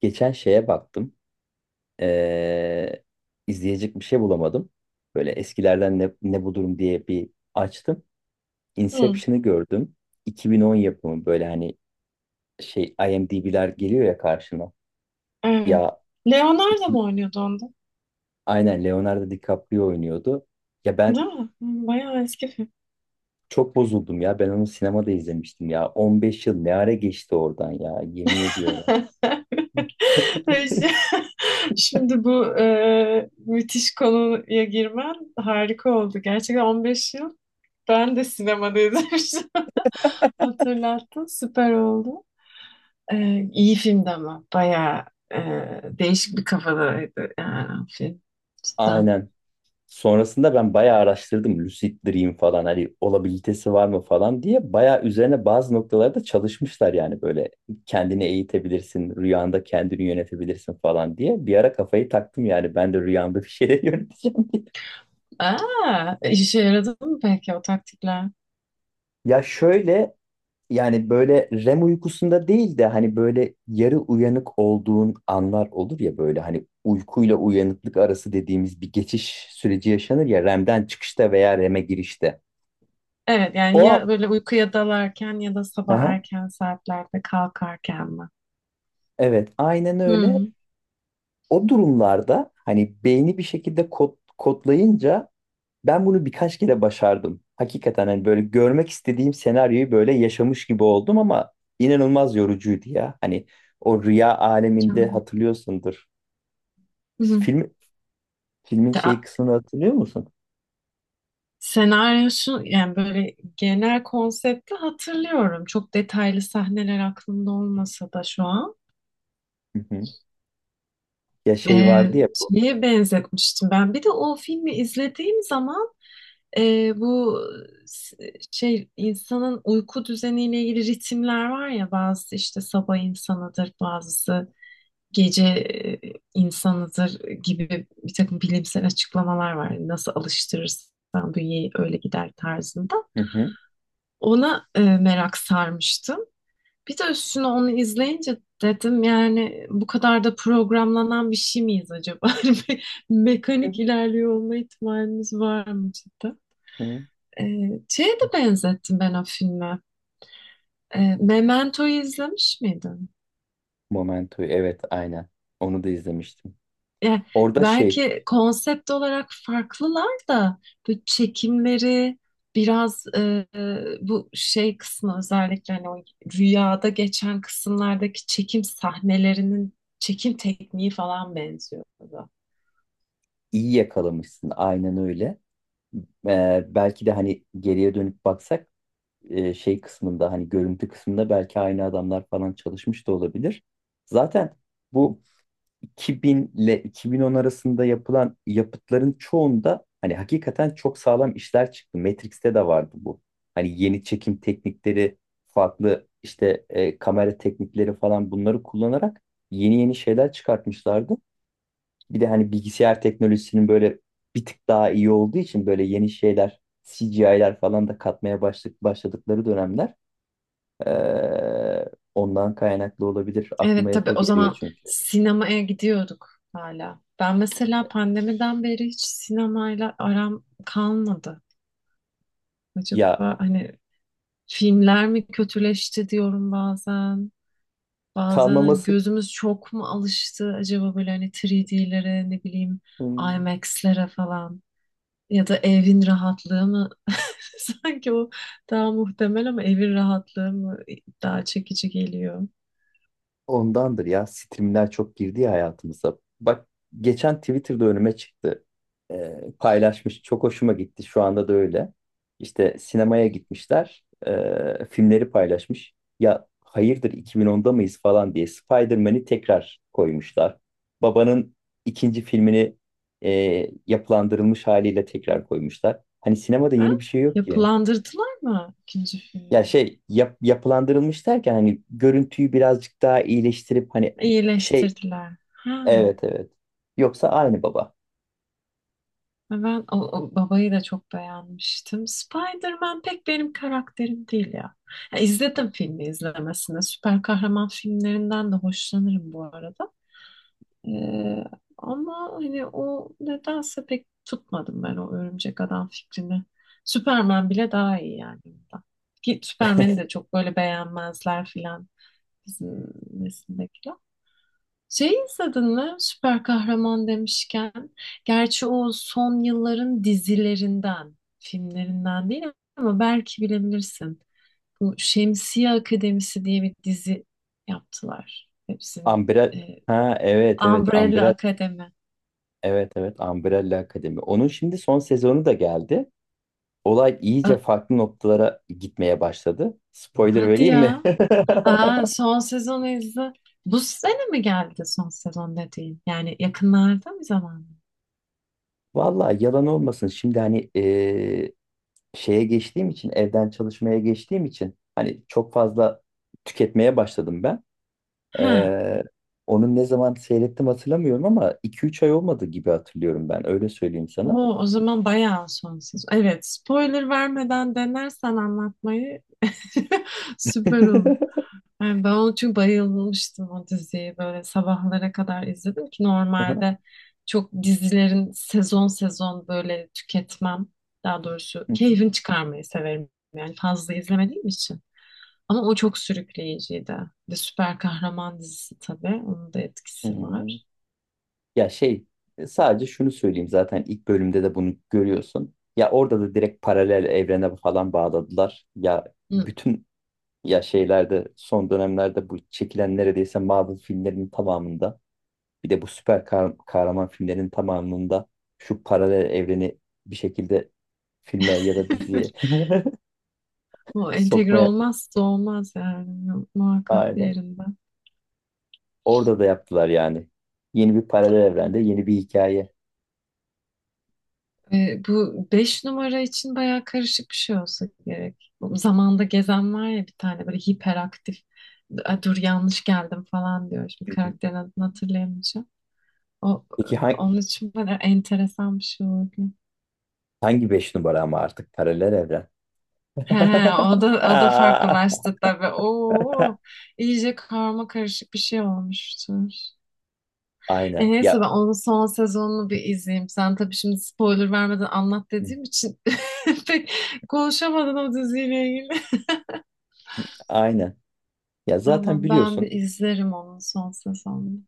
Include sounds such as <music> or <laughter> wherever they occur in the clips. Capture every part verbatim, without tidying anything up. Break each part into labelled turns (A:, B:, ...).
A: Geçen şeye baktım. Ee, izleyecek bir şey bulamadım. Böyle eskilerden ne, ne bu durum diye bir açtım.
B: Hı,
A: Inception'ı gördüm. iki bin on yapımı böyle hani şey IMDb'ler geliyor ya karşına.
B: evet.
A: Ya
B: Leonardo
A: iki,
B: mu oynuyordu onda?
A: aynen Leonardo DiCaprio oynuyordu. Ya ben
B: Değil mi? Hı, bayağı eski film.
A: çok bozuldum ya. Ben onu sinemada izlemiştim ya. on beş yıl ne ara geçti oradan ya yemin ediyorum.
B: <laughs> Neyse. Şimdi bu e, müthiş konuya girmen harika oldu. Gerçekten on beş yıl ben de sinemada izlemiştim. <laughs> Hatırlattın, süper oldu. E, iyi filmdi ama bayağı e, değişik bir kafadaydı yani film. Cidden.
A: Aynen. Sonrasında ben bayağı araştırdım lucid dream falan hani olabilitesi var mı falan diye bayağı üzerine bazı noktalarda çalışmışlar yani böyle kendini eğitebilirsin rüyanda kendini yönetebilirsin falan diye bir ara kafayı taktım yani ben de rüyamda bir şeyler <laughs> yöneteceğim diye.
B: Aa, işe yaradı mı peki o taktikler?
A: Ya şöyle, yani böyle REM uykusunda değil de hani böyle yarı uyanık olduğun anlar olur ya, böyle hani uykuyla uyanıklık arası dediğimiz bir geçiş süreci yaşanır ya, REM'den çıkışta veya REM'e girişte.
B: Evet yani
A: O
B: ya böyle uykuya dalarken ya da sabah
A: an,
B: erken saatlerde kalkarken mi?
A: evet, aynen öyle.
B: Hı.
A: O durumlarda hani beyni bir şekilde kod, kodlayınca ben bunu birkaç kere başardım. Hakikaten hani böyle görmek istediğim senaryoyu böyle yaşamış gibi oldum ama inanılmaz yorucuydu ya. Hani o rüya aleminde
B: Yani.
A: hatırlıyorsundur.
B: Hı.
A: Film, filmin şey
B: Da-
A: kısmını hatırlıyor musun?
B: senaryo şu yani böyle genel konsepti hatırlıyorum. Çok detaylı sahneler aklımda olmasa da şu an.
A: Hı hı. Ya şey
B: Ee,
A: vardı ya bu.
B: Şeye benzetmiştim ben. Bir de o filmi izlediğim zaman e, bu s- şey insanın uyku düzeniyle ilgili ritimler var ya, bazı işte sabah insanıdır, bazısı gece e, insanıdır gibi bir takım bilimsel açıklamalar var. Nasıl alıştırırsan bünyeyi öyle gider tarzında.
A: Hı hı.
B: Ona e, merak sarmıştım. Bir de üstüne onu izleyince dedim yani bu kadar da programlanan bir şey miyiz acaba? <laughs> Bir mekanik
A: Hı
B: ilerliyor olma ihtimalimiz var mı cidden?
A: hı.
B: E, Şeye de benzettim ben o filme. E, Memento'yu izlemiş miydin?
A: Momento'yu, evet, aynen. Onu da izlemiştim.
B: E,
A: Orada şey,
B: Belki konsept olarak farklılar da bu çekimleri biraz e, bu şey kısmı, özellikle hani o rüyada geçen kısımlardaki çekim sahnelerinin çekim tekniği falan benziyordu.
A: iyi yakalamışsın, aynen öyle. Ee, belki de hani geriye dönüp baksak, e, şey kısmında hani görüntü kısmında belki aynı adamlar falan çalışmış da olabilir. Zaten bu iki bin ile iki bin on arasında yapılan yapıtların çoğunda hani hakikaten çok sağlam işler çıktı. Matrix'te de vardı bu. Hani yeni çekim teknikleri, farklı işte e, kamera teknikleri falan, bunları kullanarak yeni yeni şeyler çıkartmışlardı. Bir de hani bilgisayar teknolojisinin böyle bir tık daha iyi olduğu için böyle yeni şeyler, C G I'ler falan da katmaya başladık, başladıkları dönemler, ee, ondan kaynaklı olabilir. Aklıma
B: Evet
A: hep
B: tabii,
A: o
B: o
A: geliyor
B: zaman
A: çünkü.
B: sinemaya gidiyorduk hala. Ben mesela pandemiden beri hiç sinemayla aram kalmadı. Acaba
A: Ya
B: hani filmler mi kötüleşti diyorum bazen. Bazen hani
A: kalmaması.
B: gözümüz çok mu alıştı acaba böyle, hani üç D'lere, ne bileyim
A: Hmm,
B: IMAX'lere falan, ya da evin rahatlığı mı, <laughs> sanki o daha muhtemel, ama evin rahatlığı mı daha çekici geliyor.
A: ondandır ya. Streamler çok girdi ya hayatımıza. Bak, geçen Twitter'da önüme çıktı. Ee, paylaşmış. Çok hoşuma gitti. Şu anda da öyle. İşte sinemaya gitmişler. Ee, filmleri paylaşmış. Ya hayırdır, iki bin onda mıyız falan diye Spider-Man'i tekrar koymuşlar. Babanın ikinci filmini, e, yapılandırılmış haliyle tekrar koymuşlar. Hani sinemada
B: Ha?
A: yeni bir şey yok ki.
B: Yapılandırdılar mı ikinci
A: Ya
B: filmi?
A: şey, yap, yapılandırılmış derken hani görüntüyü birazcık daha iyileştirip hani şey,
B: İyileştirdiler. Ha.
A: evet evet. Yoksa aynı baba.
B: Ve ben o, o babayı da çok beğenmiştim. Spider-Man pek benim karakterim değil ya. Ya izledim, filmi izlemesine. Süper kahraman filmlerinden de hoşlanırım bu arada. Ee, Ama hani o nedense pek tutmadım ben o örümcek adam fikrini. Superman bile daha iyi yani, bundan. Ki Superman'i de çok böyle beğenmezler filan, bizim nesildekiler. Şey izledin mi, süper kahraman demişken? Gerçi o son yılların dizilerinden, filmlerinden değil ama belki bilebilirsin. Bu Şemsiye Akademisi diye bir dizi yaptılar. Hepsinin
A: Umbrella,
B: e,
A: ha, evet evet,
B: Umbrella
A: Umbrella,
B: Akademi.
A: evet evet, Umbrella Akademi. Onun şimdi son sezonu da geldi. Olay iyice
B: Ö-
A: farklı noktalara gitmeye başladı. Spoiler
B: Hadi
A: vereyim mi? <laughs>
B: ya. Aa, son sezonu izle. Bu sene mi geldi son sezon dediğin? Yani yakınlarda mı zaman?
A: Vallahi yalan olmasın. Şimdi hani eee, şeye geçtiğim için, evden çalışmaya geçtiğim için hani çok fazla tüketmeye başladım ben.
B: He.
A: Eee Onun ne zaman seyrettim hatırlamıyorum ama iki üç ay olmadı gibi hatırlıyorum ben. Öyle söyleyeyim sana.
B: Oo, o zaman bayağı sonsuz. Evet, spoiler vermeden denersen anlatmayı <laughs> süper olur. Yani ben onu, çünkü bayılmıştım o diziyi. Böyle sabahlara kadar izledim ki,
A: <laughs>
B: normalde çok dizilerin sezon sezon böyle tüketmem. Daha doğrusu
A: Hı
B: keyfini çıkarmayı severim. Yani fazla izlemediğim için. Ama o çok sürükleyiciydi. Bir de süper kahraman dizisi tabii, onun da etkisi
A: hı.
B: var.
A: Ya şey, e, sadece şunu söyleyeyim, zaten ilk bölümde de bunu görüyorsun. Ya orada da direkt paralel evrene falan bağladılar. Ya
B: Hı.
A: bütün, ya şeylerde son dönemlerde bu çekilen neredeyse Marvel filmlerinin tamamında, bir de bu süper kah- kahraman filmlerinin tamamında şu paralel evreni bir şekilde filme ya da diziye
B: <laughs>
A: <laughs>
B: Bu entegre
A: sokmaya,
B: olmazsa olmaz yani, muhakkak
A: aynen.
B: diğerinde.
A: Orada da yaptılar yani. Yeni bir paralel evrende yeni bir hikaye.
B: Ee, bu beş numara için bayağı karışık bir şey olsa gerek. Bu zamanda gezen var ya, bir tane böyle hiperaktif. "A, dur, yanlış geldim" falan diyor. Şimdi
A: Hı hı.
B: karakterin adını hatırlayamayacağım. O,
A: Peki hangi,
B: onun için böyle enteresan bir şey oldu.
A: hangi beş numara ama artık paralel evren?
B: He, he,
A: <laughs>
B: o da o da
A: Aa,
B: farklılaştı tabii. Oo, iyice karma karışık bir şey olmuştur. E
A: aynen.
B: neyse,
A: Ya
B: ben onun son sezonunu bir izleyeyim. Sen tabii, şimdi spoiler vermeden anlat
A: hı,
B: dediğim için <laughs> pek konuşamadın o diziyle ilgili. <laughs>
A: aynen. Ya zaten
B: Tamam, ben
A: biliyorsun,
B: bir izlerim onun son sezonunu.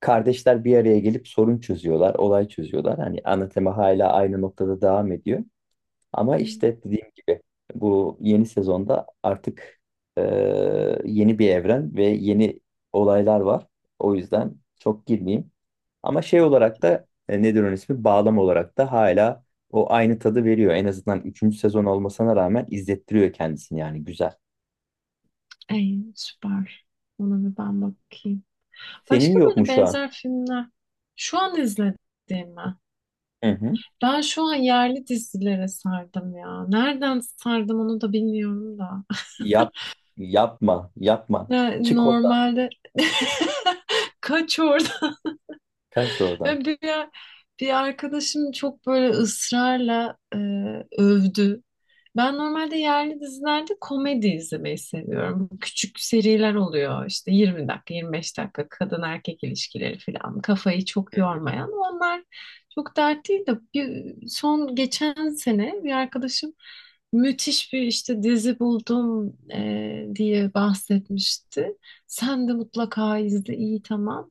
A: kardeşler bir araya gelip sorun çözüyorlar, olay çözüyorlar. Hani ana tema hala aynı noktada devam ediyor. Ama
B: Hı.
A: işte dediğim gibi bu yeni sezonda artık e, yeni bir evren ve yeni olaylar var. O yüzden çok girmeyeyim. Ama şey olarak da, e, nedir onun ismi, bağlam olarak da hala o aynı tadı veriyor. En azından üçüncü sezon olmasına rağmen izlettiriyor kendisini, yani güzel.
B: Ey süper. Ona bir ben bakayım.
A: Senin
B: Başka
A: yok mu
B: böyle
A: şu an?
B: benzer filmler şu an izlediğim mi?
A: Hı hı.
B: Ben şu an yerli dizilere sardım ya. Nereden sardım onu da bilmiyorum da. <laughs>
A: Yap, yapma, yapma.
B: Ya
A: Çık oradan,
B: normalde <laughs> kaçıyor.
A: kaç oradan.
B: Ve Bir, bir arkadaşım çok böyle ısrarla e, övdü. Ben normalde yerli dizilerde komedi izlemeyi seviyorum. Küçük seriler oluyor işte, yirmi dakika, yirmi beş dakika, kadın erkek ilişkileri falan. Kafayı çok
A: Hı hı.
B: yormayan, onlar çok dert değil, de bir, son geçen sene bir arkadaşım, müthiş bir işte dizi buldum e, diye bahsetmişti. Sen de mutlaka izle, iyi, tamam.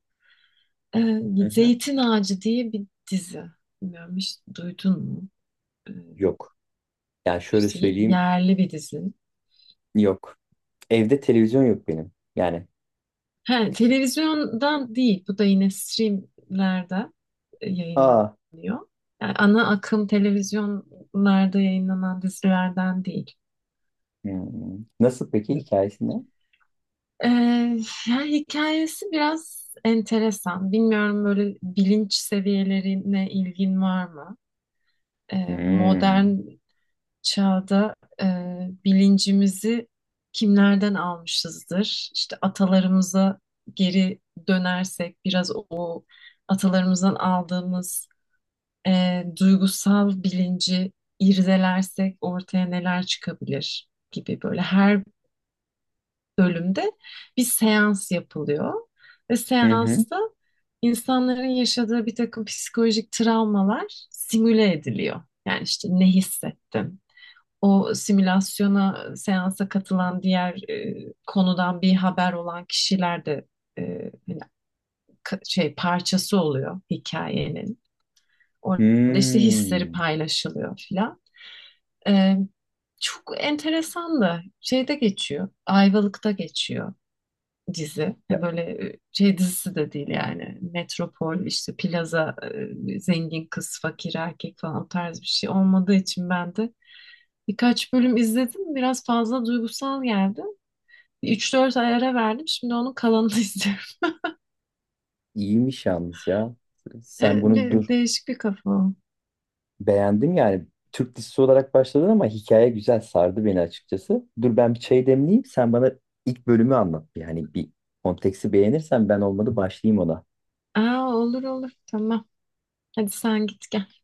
A: Hı
B: Ee,
A: hı.
B: Zeytin Ağacı diye bir dizi. Bilmiyorum, hiç duydun mu? Ee,
A: Yok. Yani şöyle
B: işte
A: söyleyeyim,
B: yerli bir dizi.
A: yok. Evde televizyon yok benim. Yani,
B: He, televizyondan değil. Bu da yine streamlerde e,
A: aa.
B: yayınlanıyor. Yani ana akım televizyonlarda yayınlanan dizilerden değil.
A: Hmm. Nasıl peki, hikayesi ne?
B: Ee, Yani hikayesi biraz enteresan. Bilmiyorum, böyle bilinç seviyelerine ilgin var mı? Ee,
A: Hmm.
B: modern çağda e, bilincimizi kimlerden almışızdır? İşte atalarımıza geri dönersek, biraz o atalarımızdan aldığımız e, duygusal bilinci irdelersek ortaya neler çıkabilir gibi, böyle her bölümde bir seans yapılıyor ve
A: Hı hı.
B: seansta insanların yaşadığı bir takım psikolojik travmalar simüle ediliyor. Yani işte ne hissettin? O simülasyona, seansa katılan diğer e, konudan bir haber olan kişiler de e, hani şey parçası oluyor hikayenin. Orada işte hisleri
A: Hmm.
B: paylaşılıyor filan. E, Çok enteresan, da şeyde geçiyor. Ayvalık'ta geçiyor dizi. Yani
A: Ya
B: böyle e, şey dizisi de değil yani. Metropol işte, plaza e, zengin kız fakir erkek falan o tarz bir şey olmadığı için, ben de birkaç bölüm izledim. Biraz fazla duygusal geldi. Üç dört ay ara verdim. Şimdi onun kalanını <laughs> izliyorum.
A: iyiymiş yalnız ya. Sen
B: Evet,
A: bunu
B: de-
A: dur.
B: değişik bir kafa o.
A: Beğendim yani. Türk dizisi olarak başladın ama hikaye güzel sardı beni açıkçası. Dur ben bir çay demleyeyim. Sen bana ilk bölümü anlat. Yani bir konteksti beğenirsen ben olmadı başlayayım ona.
B: Aa, olur olur. Tamam. Hadi sen git gel.